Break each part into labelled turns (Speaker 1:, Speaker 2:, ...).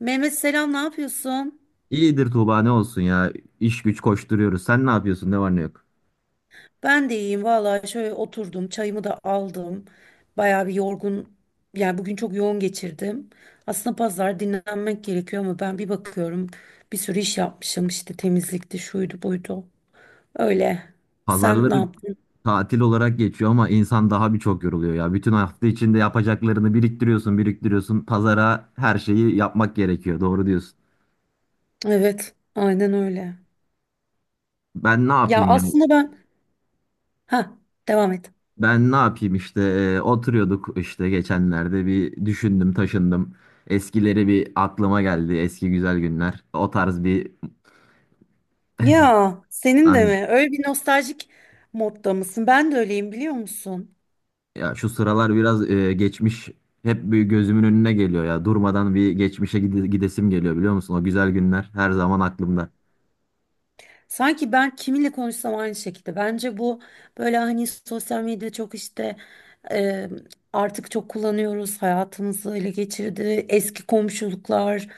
Speaker 1: Mehmet selam, ne yapıyorsun?
Speaker 2: İyidir Tuğba ne olsun ya. İş güç koşturuyoruz. Sen ne yapıyorsun? Ne var ne yok?
Speaker 1: Ben de iyiyim vallahi, şöyle oturdum, çayımı da aldım. Bayağı bir yorgun yani, bugün çok yoğun geçirdim. Aslında pazar dinlenmek gerekiyor ama ben bir bakıyorum, bir sürü iş yapmışım, işte temizlikti, şuydu buydu. Öyle. Sen ne
Speaker 2: Pazarları
Speaker 1: yaptın?
Speaker 2: tatil olarak geçiyor ama insan daha birçok yoruluyor ya. Bütün hafta içinde yapacaklarını biriktiriyorsun, biriktiriyorsun. Pazara her şeyi yapmak gerekiyor. Doğru diyorsun.
Speaker 1: Evet, aynen öyle.
Speaker 2: Ben ne
Speaker 1: Ya
Speaker 2: yapayım yani?
Speaker 1: aslında ben, ha, devam et.
Speaker 2: Ben ne yapayım işte, oturuyorduk işte geçenlerde bir düşündüm, taşındım. Eskileri bir aklıma geldi. Eski güzel günler. O tarz bir...
Speaker 1: Ya senin de mi? Öyle bir nostaljik modda mısın? Ben de öyleyim, biliyor musun?
Speaker 2: Ya şu sıralar biraz geçmiş hep bir gözümün önüne geliyor ya. Durmadan bir geçmişe gidesim geliyor, biliyor musun? O güzel günler her zaman aklımda.
Speaker 1: Sanki ben kiminle konuşsam aynı şekilde. Bence bu böyle, hani sosyal medya çok işte, e, artık çok kullanıyoruz. Hayatımızı ele geçirdi. Eski komşuluklar.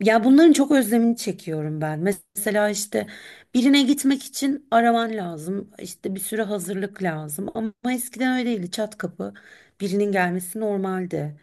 Speaker 1: Ya bunların çok özlemini çekiyorum ben. Mesela işte, birine gitmek için araman lazım. İşte bir sürü hazırlık lazım. Ama eskiden öyle değildi. Çat kapı birinin gelmesi normaldi.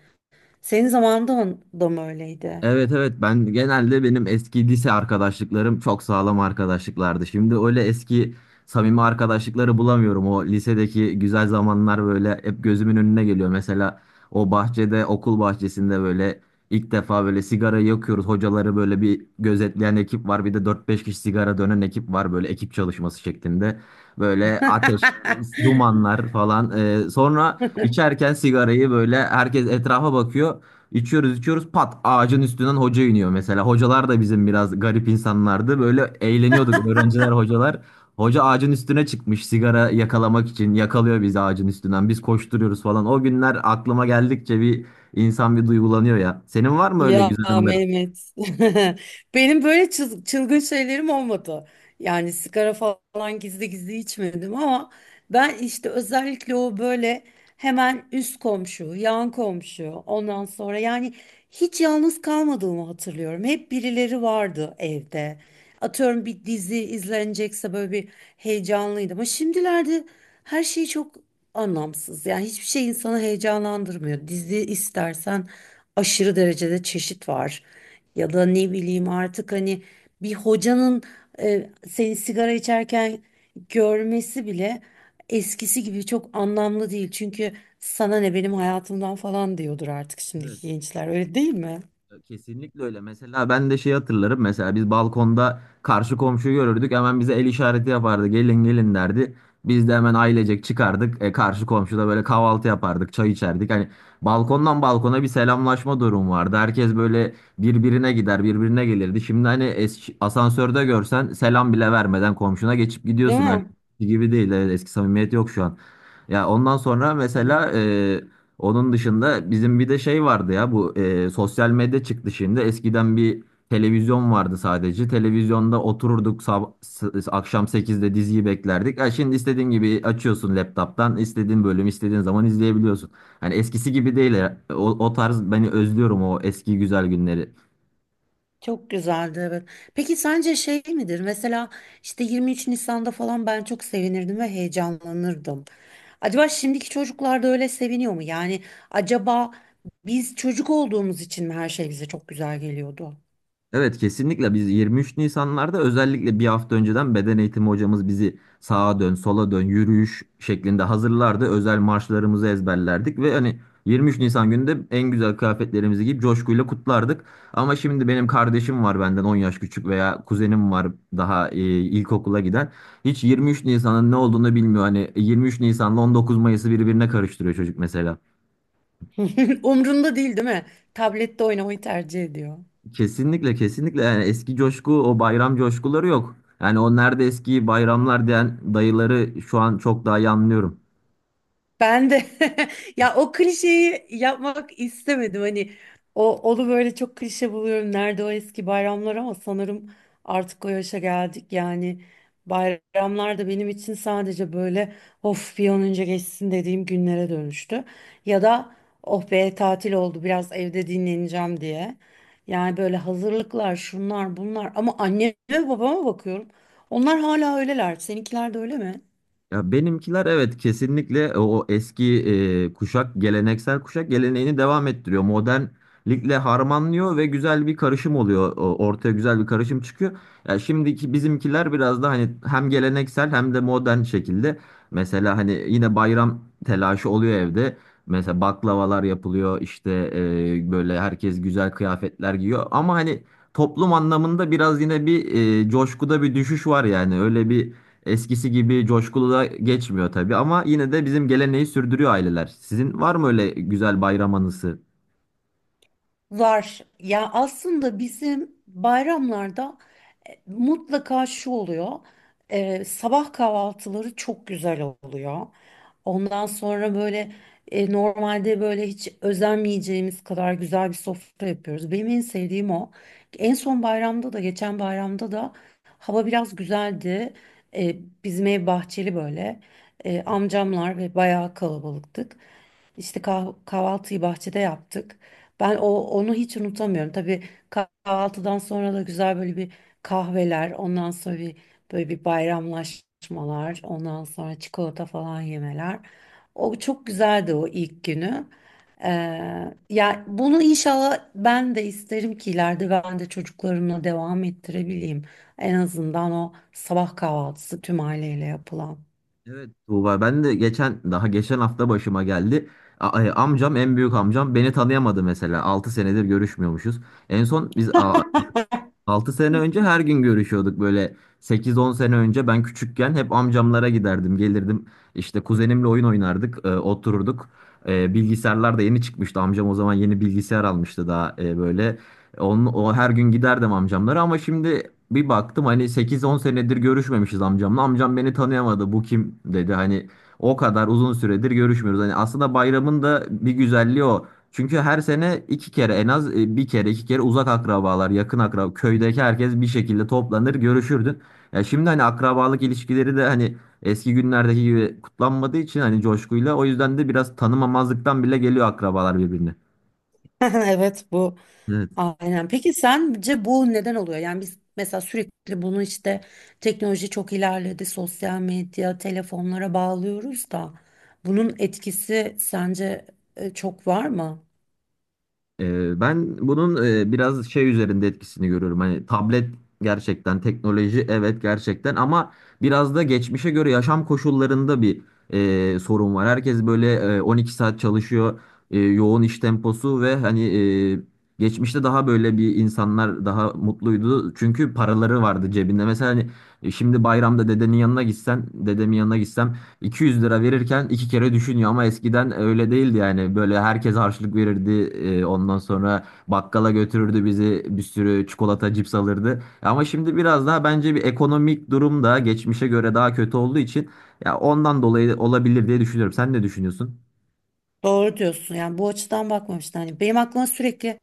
Speaker 1: Senin zamanında da mı öyleydi?
Speaker 2: Evet, evet, ben genelde benim eski lise arkadaşlıklarım çok sağlam arkadaşlıklardı. Şimdi öyle eski samimi arkadaşlıkları bulamıyorum. O lisedeki güzel zamanlar böyle hep gözümün önüne geliyor. Mesela o bahçede, okul bahçesinde böyle ilk defa böyle sigara yakıyoruz. Hocaları böyle bir gözetleyen ekip var. Bir de dört beş kişi sigara dönen ekip var, böyle ekip çalışması şeklinde. Böyle ateş, dumanlar falan. Sonra içerken sigarayı böyle herkes etrafa bakıyor. İçiyoruz içiyoruz, pat, ağacın üstünden hoca iniyor mesela. Hocalar da bizim biraz garip insanlardı. Böyle eğleniyorduk, öğrenciler, hocalar. Hoca ağacın üstüne çıkmış sigara yakalamak için yakalıyor bizi ağacın üstünden. Biz koşturuyoruz falan. O günler aklıma geldikçe bir insan bir duygulanıyor ya. Senin var mı öyle
Speaker 1: Ya
Speaker 2: güzel anıların?
Speaker 1: Mehmet. Benim böyle çılgın şeylerim olmadı. Yani sigara falan gizli gizli içmedim ama ben işte, özellikle o böyle hemen üst komşu, yan komşu, ondan sonra yani hiç yalnız kalmadığımı hatırlıyorum. Hep birileri vardı evde. Atıyorum bir dizi izlenecekse böyle bir heyecanlıydım. Ama şimdilerde her şey çok anlamsız. Yani hiçbir şey insanı heyecanlandırmıyor. Dizi istersen aşırı derecede çeşit var. Ya da ne bileyim, artık hani bir hocanın seni sigara içerken görmesi bile eskisi gibi çok anlamlı değil. Çünkü sana ne benim hayatımdan falan diyordur artık şimdiki gençler. Öyle değil mi?
Speaker 2: Kesinlikle öyle. Mesela ben de şeyi hatırlarım. Mesela biz balkonda karşı komşuyu görürdük. Hemen bize el işareti yapardı. Gelin gelin derdi. Biz de hemen ailecek çıkardık. Karşı komşuda böyle kahvaltı yapardık. Çay içerdik. Hani balkondan balkona bir selamlaşma durum vardı. Herkes böyle birbirine gider, birbirine gelirdi. Şimdi hani eski, asansörde görsen selam bile vermeden komşuna geçip
Speaker 1: Değil
Speaker 2: gidiyorsun. Hani
Speaker 1: mi?
Speaker 2: gibi değil. Evet, eski samimiyet yok şu an. Ya ondan sonra
Speaker 1: Yani.
Speaker 2: mesela, onun dışında bizim bir de şey vardı ya, bu sosyal medya çıktı şimdi. Eskiden bir televizyon vardı sadece. Televizyonda otururduk, akşam sekizde diziyi beklerdik. Ha, şimdi istediğin gibi açıyorsun laptop'tan, istediğin bölüm istediğin zaman izleyebiliyorsun. Hani eskisi gibi değil. Ya. O tarz beni özlüyorum, o eski güzel günleri.
Speaker 1: Çok güzeldi, evet. Peki sence şey midir? Mesela işte 23 Nisan'da falan ben çok sevinirdim ve heyecanlanırdım. Acaba şimdiki çocuklar da öyle seviniyor mu? Yani acaba biz çocuk olduğumuz için mi her şey bize çok güzel geliyordu?
Speaker 2: Evet, kesinlikle biz 23 Nisanlarda özellikle bir hafta önceden beden eğitimi hocamız bizi sağa dön, sola dön, yürüyüş şeklinde hazırlardı. Özel marşlarımızı ezberlerdik ve hani 23 Nisan günü de en güzel kıyafetlerimizi giyip coşkuyla kutlardık. Ama şimdi benim kardeşim var benden 10 yaş küçük, veya kuzenim var daha ilkokula giden. Hiç 23 Nisan'ın ne olduğunu bilmiyor. Hani 23 Nisan'la 19 Mayıs'ı birbirine karıştırıyor çocuk mesela.
Speaker 1: Umrunda değil, değil mi? Tablette oynamayı tercih ediyor.
Speaker 2: Kesinlikle kesinlikle, yani eski coşku, o bayram coşkuları yok. Yani o nerede eski bayramlar diyen dayıları şu an çok daha iyi anlıyorum.
Speaker 1: Ben de ya o klişeyi yapmak istemedim. Hani o onu böyle çok klişe buluyorum. Nerede o eski bayramlar, ama sanırım artık o yaşa geldik. Yani bayramlar da benim için sadece böyle of bir an önce geçsin dediğim günlere dönüştü. Ya da oh be tatil oldu, biraz evde dinleneceğim diye. Yani böyle hazırlıklar, şunlar bunlar, ama anneme babama bakıyorum. Onlar hala öyleler. Seninkiler de öyle mi?
Speaker 2: Ya benimkiler, evet, kesinlikle o eski, kuşak, geleneksel kuşak geleneğini devam ettiriyor. Modernlikle harmanlıyor ve güzel bir karışım oluyor. Ortaya güzel bir karışım çıkıyor. Ya şimdiki bizimkiler biraz da hani hem geleneksel hem de modern şekilde. Mesela hani yine bayram telaşı oluyor evde. Mesela baklavalar yapılıyor işte, böyle herkes güzel kıyafetler giyiyor. Ama hani toplum anlamında biraz yine bir coşkuda bir düşüş var, yani öyle bir... Eskisi gibi coşkulu da geçmiyor tabii, ama yine de bizim geleneği sürdürüyor aileler. Sizin var mı öyle güzel bayram anısı?
Speaker 1: Var. Ya aslında bizim bayramlarda mutlaka şu oluyor. Sabah kahvaltıları çok güzel oluyor. Ondan sonra böyle, normalde böyle hiç özenmeyeceğimiz kadar güzel bir sofra yapıyoruz. Benim en sevdiğim o. En son bayramda da, geçen bayramda da hava biraz güzeldi. E, Bizim ev bahçeli böyle. Amcamlar ve bayağı kalabalıktık. İşte kahvaltıyı bahçede yaptık. Ben o onu hiç unutamıyorum. Tabii kahvaltıdan sonra da güzel böyle bir kahveler, ondan sonra bir böyle bir bayramlaşmalar, ondan sonra çikolata falan yemeler. O çok güzeldi, o ilk günü. Ee, ya bunu inşallah ben de isterim ki ileride ben de çocuklarımla devam ettirebileyim. En azından o sabah kahvaltısı tüm aileyle yapılan.
Speaker 2: Evet Tuğba, ben de geçen, daha geçen hafta başıma geldi. Amcam, en büyük amcam beni tanıyamadı mesela. 6 senedir görüşmüyormuşuz. En son biz a- 6 sene önce her gün görüşüyorduk, böyle sekiz on sene önce ben küçükken hep amcamlara giderdim, gelirdim, işte kuzenimle oyun oynardık, otururduk. Bilgisayarlar da yeni çıkmıştı, amcam o zaman yeni bilgisayar almıştı daha, böyle o her gün giderdim amcamlara. Ama şimdi bir baktım hani sekiz on senedir görüşmemişiz amcamla, amcam beni tanıyamadı, bu kim dedi. Hani o kadar uzun süredir görüşmüyoruz, hani aslında bayramın da bir güzelliği o. Çünkü her sene iki kere en az, bir kere iki kere uzak akrabalar, yakın akraba, köydeki herkes bir şekilde toplanır, görüşürdün. Ya şimdi hani akrabalık ilişkileri de hani eski günlerdeki gibi kutlanmadığı için, hani coşkuyla, o yüzden de biraz tanımamazlıktan bile geliyor akrabalar birbirini.
Speaker 1: Evet, bu
Speaker 2: Evet.
Speaker 1: aynen. Peki sence bu neden oluyor? Yani biz mesela sürekli bunu işte teknoloji çok ilerledi, sosyal medya, telefonlara bağlıyoruz da bunun etkisi sence çok var mı?
Speaker 2: Ben bunun biraz şey üzerinde etkisini görüyorum. Hani tablet gerçekten teknoloji, evet gerçekten, ama biraz da geçmişe göre yaşam koşullarında bir sorun var. Herkes böyle 12 saat çalışıyor, yoğun iş temposu ve hani geçmişte daha böyle bir insanlar daha mutluydu. Çünkü paraları vardı cebinde. Mesela hani şimdi bayramda dedenin yanına gitsen, dedemin yanına gitsem 200 lira verirken iki kere düşünüyor, ama eskiden öyle değildi yani. Böyle herkes harçlık verirdi. Ondan sonra bakkala götürürdü bizi. Bir sürü çikolata, cips alırdı. Ama şimdi biraz daha, bence bir ekonomik durum da geçmişe göre daha kötü olduğu için ya, ondan dolayı olabilir diye düşünüyorum. Sen ne düşünüyorsun?
Speaker 1: Doğru diyorsun. Yani bu açıdan bakmamıştım. Hani benim aklıma sürekli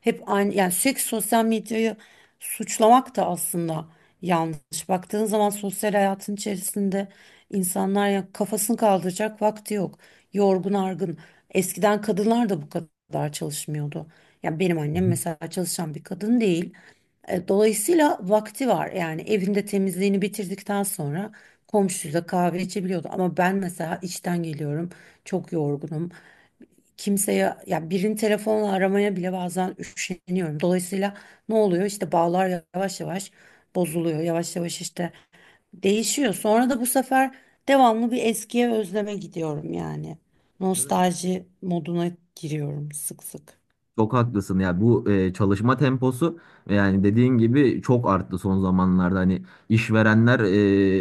Speaker 1: hep aynı, yani sürekli sosyal medyayı suçlamak da aslında yanlış. Baktığın zaman sosyal hayatın içerisinde insanlar, ya kafasını kaldıracak vakti yok. Yorgun argın. Eskiden kadınlar da bu kadar çalışmıyordu. Yani benim annem
Speaker 2: Hı
Speaker 1: mesela çalışan bir kadın değil. E, dolayısıyla vakti var. Yani evinde temizliğini bitirdikten sonra komşuyla kahve içebiliyordu. Ama ben mesela işten geliyorum. Çok yorgunum, kimseye, ya birini telefonla aramaya bile bazen üşeniyorum. Dolayısıyla ne oluyor? İşte bağlar yavaş yavaş bozuluyor. Yavaş yavaş işte değişiyor. Sonra da bu sefer devamlı bir eskiye özleme gidiyorum yani.
Speaker 2: hı.
Speaker 1: Nostalji moduna giriyorum sık sık.
Speaker 2: Çok haklısın ya, bu çalışma temposu, yani dediğin gibi çok arttı son zamanlarda. Hani işverenler,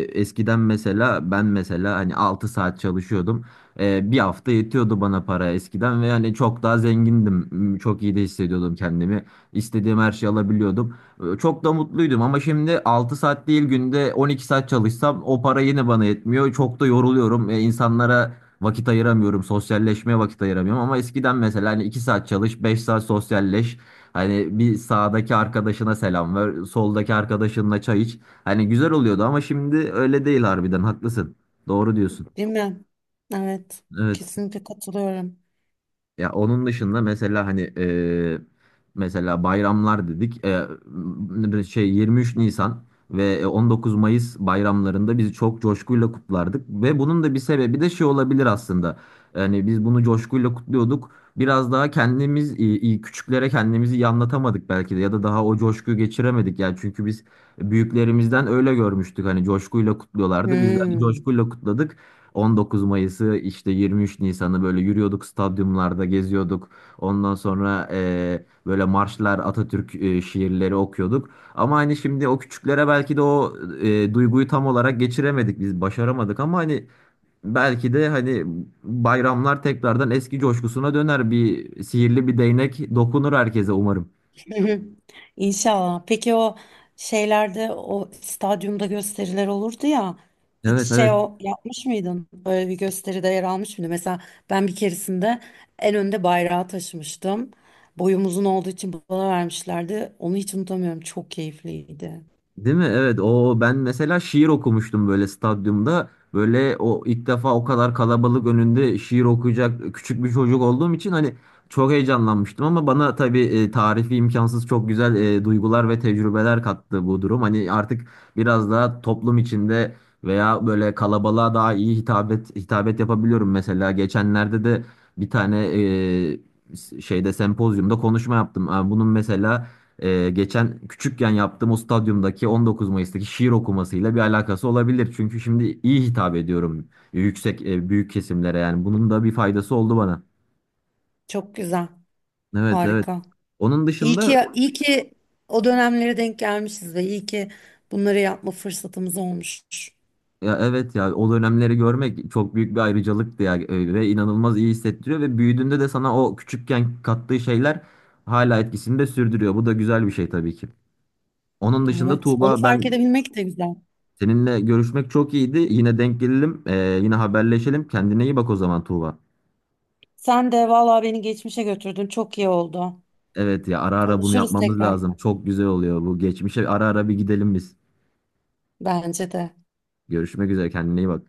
Speaker 2: eskiden mesela ben, mesela hani 6 saat çalışıyordum. Bir hafta yetiyordu bana para eskiden, ve yani çok daha zengindim. Çok iyi de hissediyordum kendimi, istediğim her şeyi alabiliyordum. Çok da mutluydum ama şimdi 6 saat değil, günde 12 saat çalışsam o para yine bana yetmiyor, çok da yoruluyorum. İnsanlara vakit ayıramıyorum. Sosyalleşmeye vakit ayıramıyorum. Ama eskiden mesela hani, 2 saat çalış, 5 saat sosyalleş. Hani bir sağdaki arkadaşına selam ver, soldaki arkadaşınla çay iç. Hani güzel oluyordu ama şimdi öyle değil harbiden. Haklısın. Doğru diyorsun.
Speaker 1: Değil mi? Evet.
Speaker 2: Evet.
Speaker 1: Kesinlikle katılıyorum.
Speaker 2: Ya, onun dışında mesela hani, mesela bayramlar dedik. Şey 23 Nisan ve 19 Mayıs bayramlarında biz çok coşkuyla kutlardık, ve bunun da bir sebebi de şey olabilir aslında. Yani biz bunu coşkuyla kutluyorduk. Biraz daha kendimiz, küçüklere kendimizi iyi anlatamadık belki de, ya da daha o coşkuyu geçiremedik yani çünkü biz büyüklerimizden öyle görmüştük hani, coşkuyla kutluyorlardı. Biz de hani
Speaker 1: Hmm.
Speaker 2: coşkuyla kutladık. 19 Mayıs'ı işte 23 Nisan'ı böyle yürüyorduk, stadyumlarda geziyorduk. Ondan sonra böyle marşlar, Atatürk şiirleri okuyorduk. Ama hani şimdi o küçüklere belki de o duyguyu tam olarak geçiremedik biz, başaramadık, ama hani belki de hani bayramlar tekrardan eski coşkusuna döner, bir sihirli bir değnek dokunur herkese umarım.
Speaker 1: Hı hı. İnşallah. Peki o şeylerde, o stadyumda gösteriler olurdu ya. Hiç
Speaker 2: Evet,
Speaker 1: şey,
Speaker 2: evet.
Speaker 1: o yapmış mıydın? Böyle bir gösteride yer almış mıydın? Mesela ben bir keresinde en önde bayrağı taşımıştım. Boyum uzun olduğu için bana vermişlerdi. Onu hiç unutamıyorum. Çok keyifliydi.
Speaker 2: Değil mi? Evet. O, ben mesela şiir okumuştum böyle stadyumda. Böyle o ilk defa o kadar kalabalık önünde şiir okuyacak küçük bir çocuk olduğum için hani çok heyecanlanmıştım, ama bana tabii tarifi imkansız çok güzel duygular ve tecrübeler kattı bu durum. Hani artık biraz daha toplum içinde veya böyle kalabalığa daha iyi hitabet yapabiliyorum. Mesela geçenlerde de bir tane şeyde sempozyumda konuşma yaptım. Ha, bunun mesela geçen küçükken yaptığım o stadyumdaki 19 Mayıs'taki şiir okumasıyla bir alakası olabilir. Çünkü şimdi iyi hitap ediyorum yüksek, büyük kesimlere, yani bunun da bir faydası oldu bana.
Speaker 1: Çok güzel.
Speaker 2: Evet, evet.
Speaker 1: Harika.
Speaker 2: Onun
Speaker 1: İyi
Speaker 2: dışında
Speaker 1: ki, iyi ki o dönemlere denk gelmişiz ve iyi ki bunları yapma fırsatımız olmuş.
Speaker 2: ya evet, ya o dönemleri görmek çok büyük bir ayrıcalıktı ya, ve inanılmaz iyi hissettiriyor, ve büyüdüğünde de sana o küçükken kattığı şeyler hala etkisini de sürdürüyor. Bu da güzel bir şey tabii ki. Onun dışında
Speaker 1: Evet. Onu
Speaker 2: Tuğba,
Speaker 1: fark
Speaker 2: ben
Speaker 1: edebilmek de güzel.
Speaker 2: seninle görüşmek çok iyiydi. Yine denk gelelim, yine haberleşelim. Kendine iyi bak o zaman Tuğba.
Speaker 1: Sen de vallahi beni geçmişe götürdün. Çok iyi oldu.
Speaker 2: Evet ya, ara ara bunu
Speaker 1: Konuşuruz
Speaker 2: yapmamız
Speaker 1: tekrar.
Speaker 2: lazım. Çok güzel oluyor bu. Geçmişe ara ara bir gidelim biz.
Speaker 1: Bence de.
Speaker 2: Görüşmek üzere, kendine iyi bak.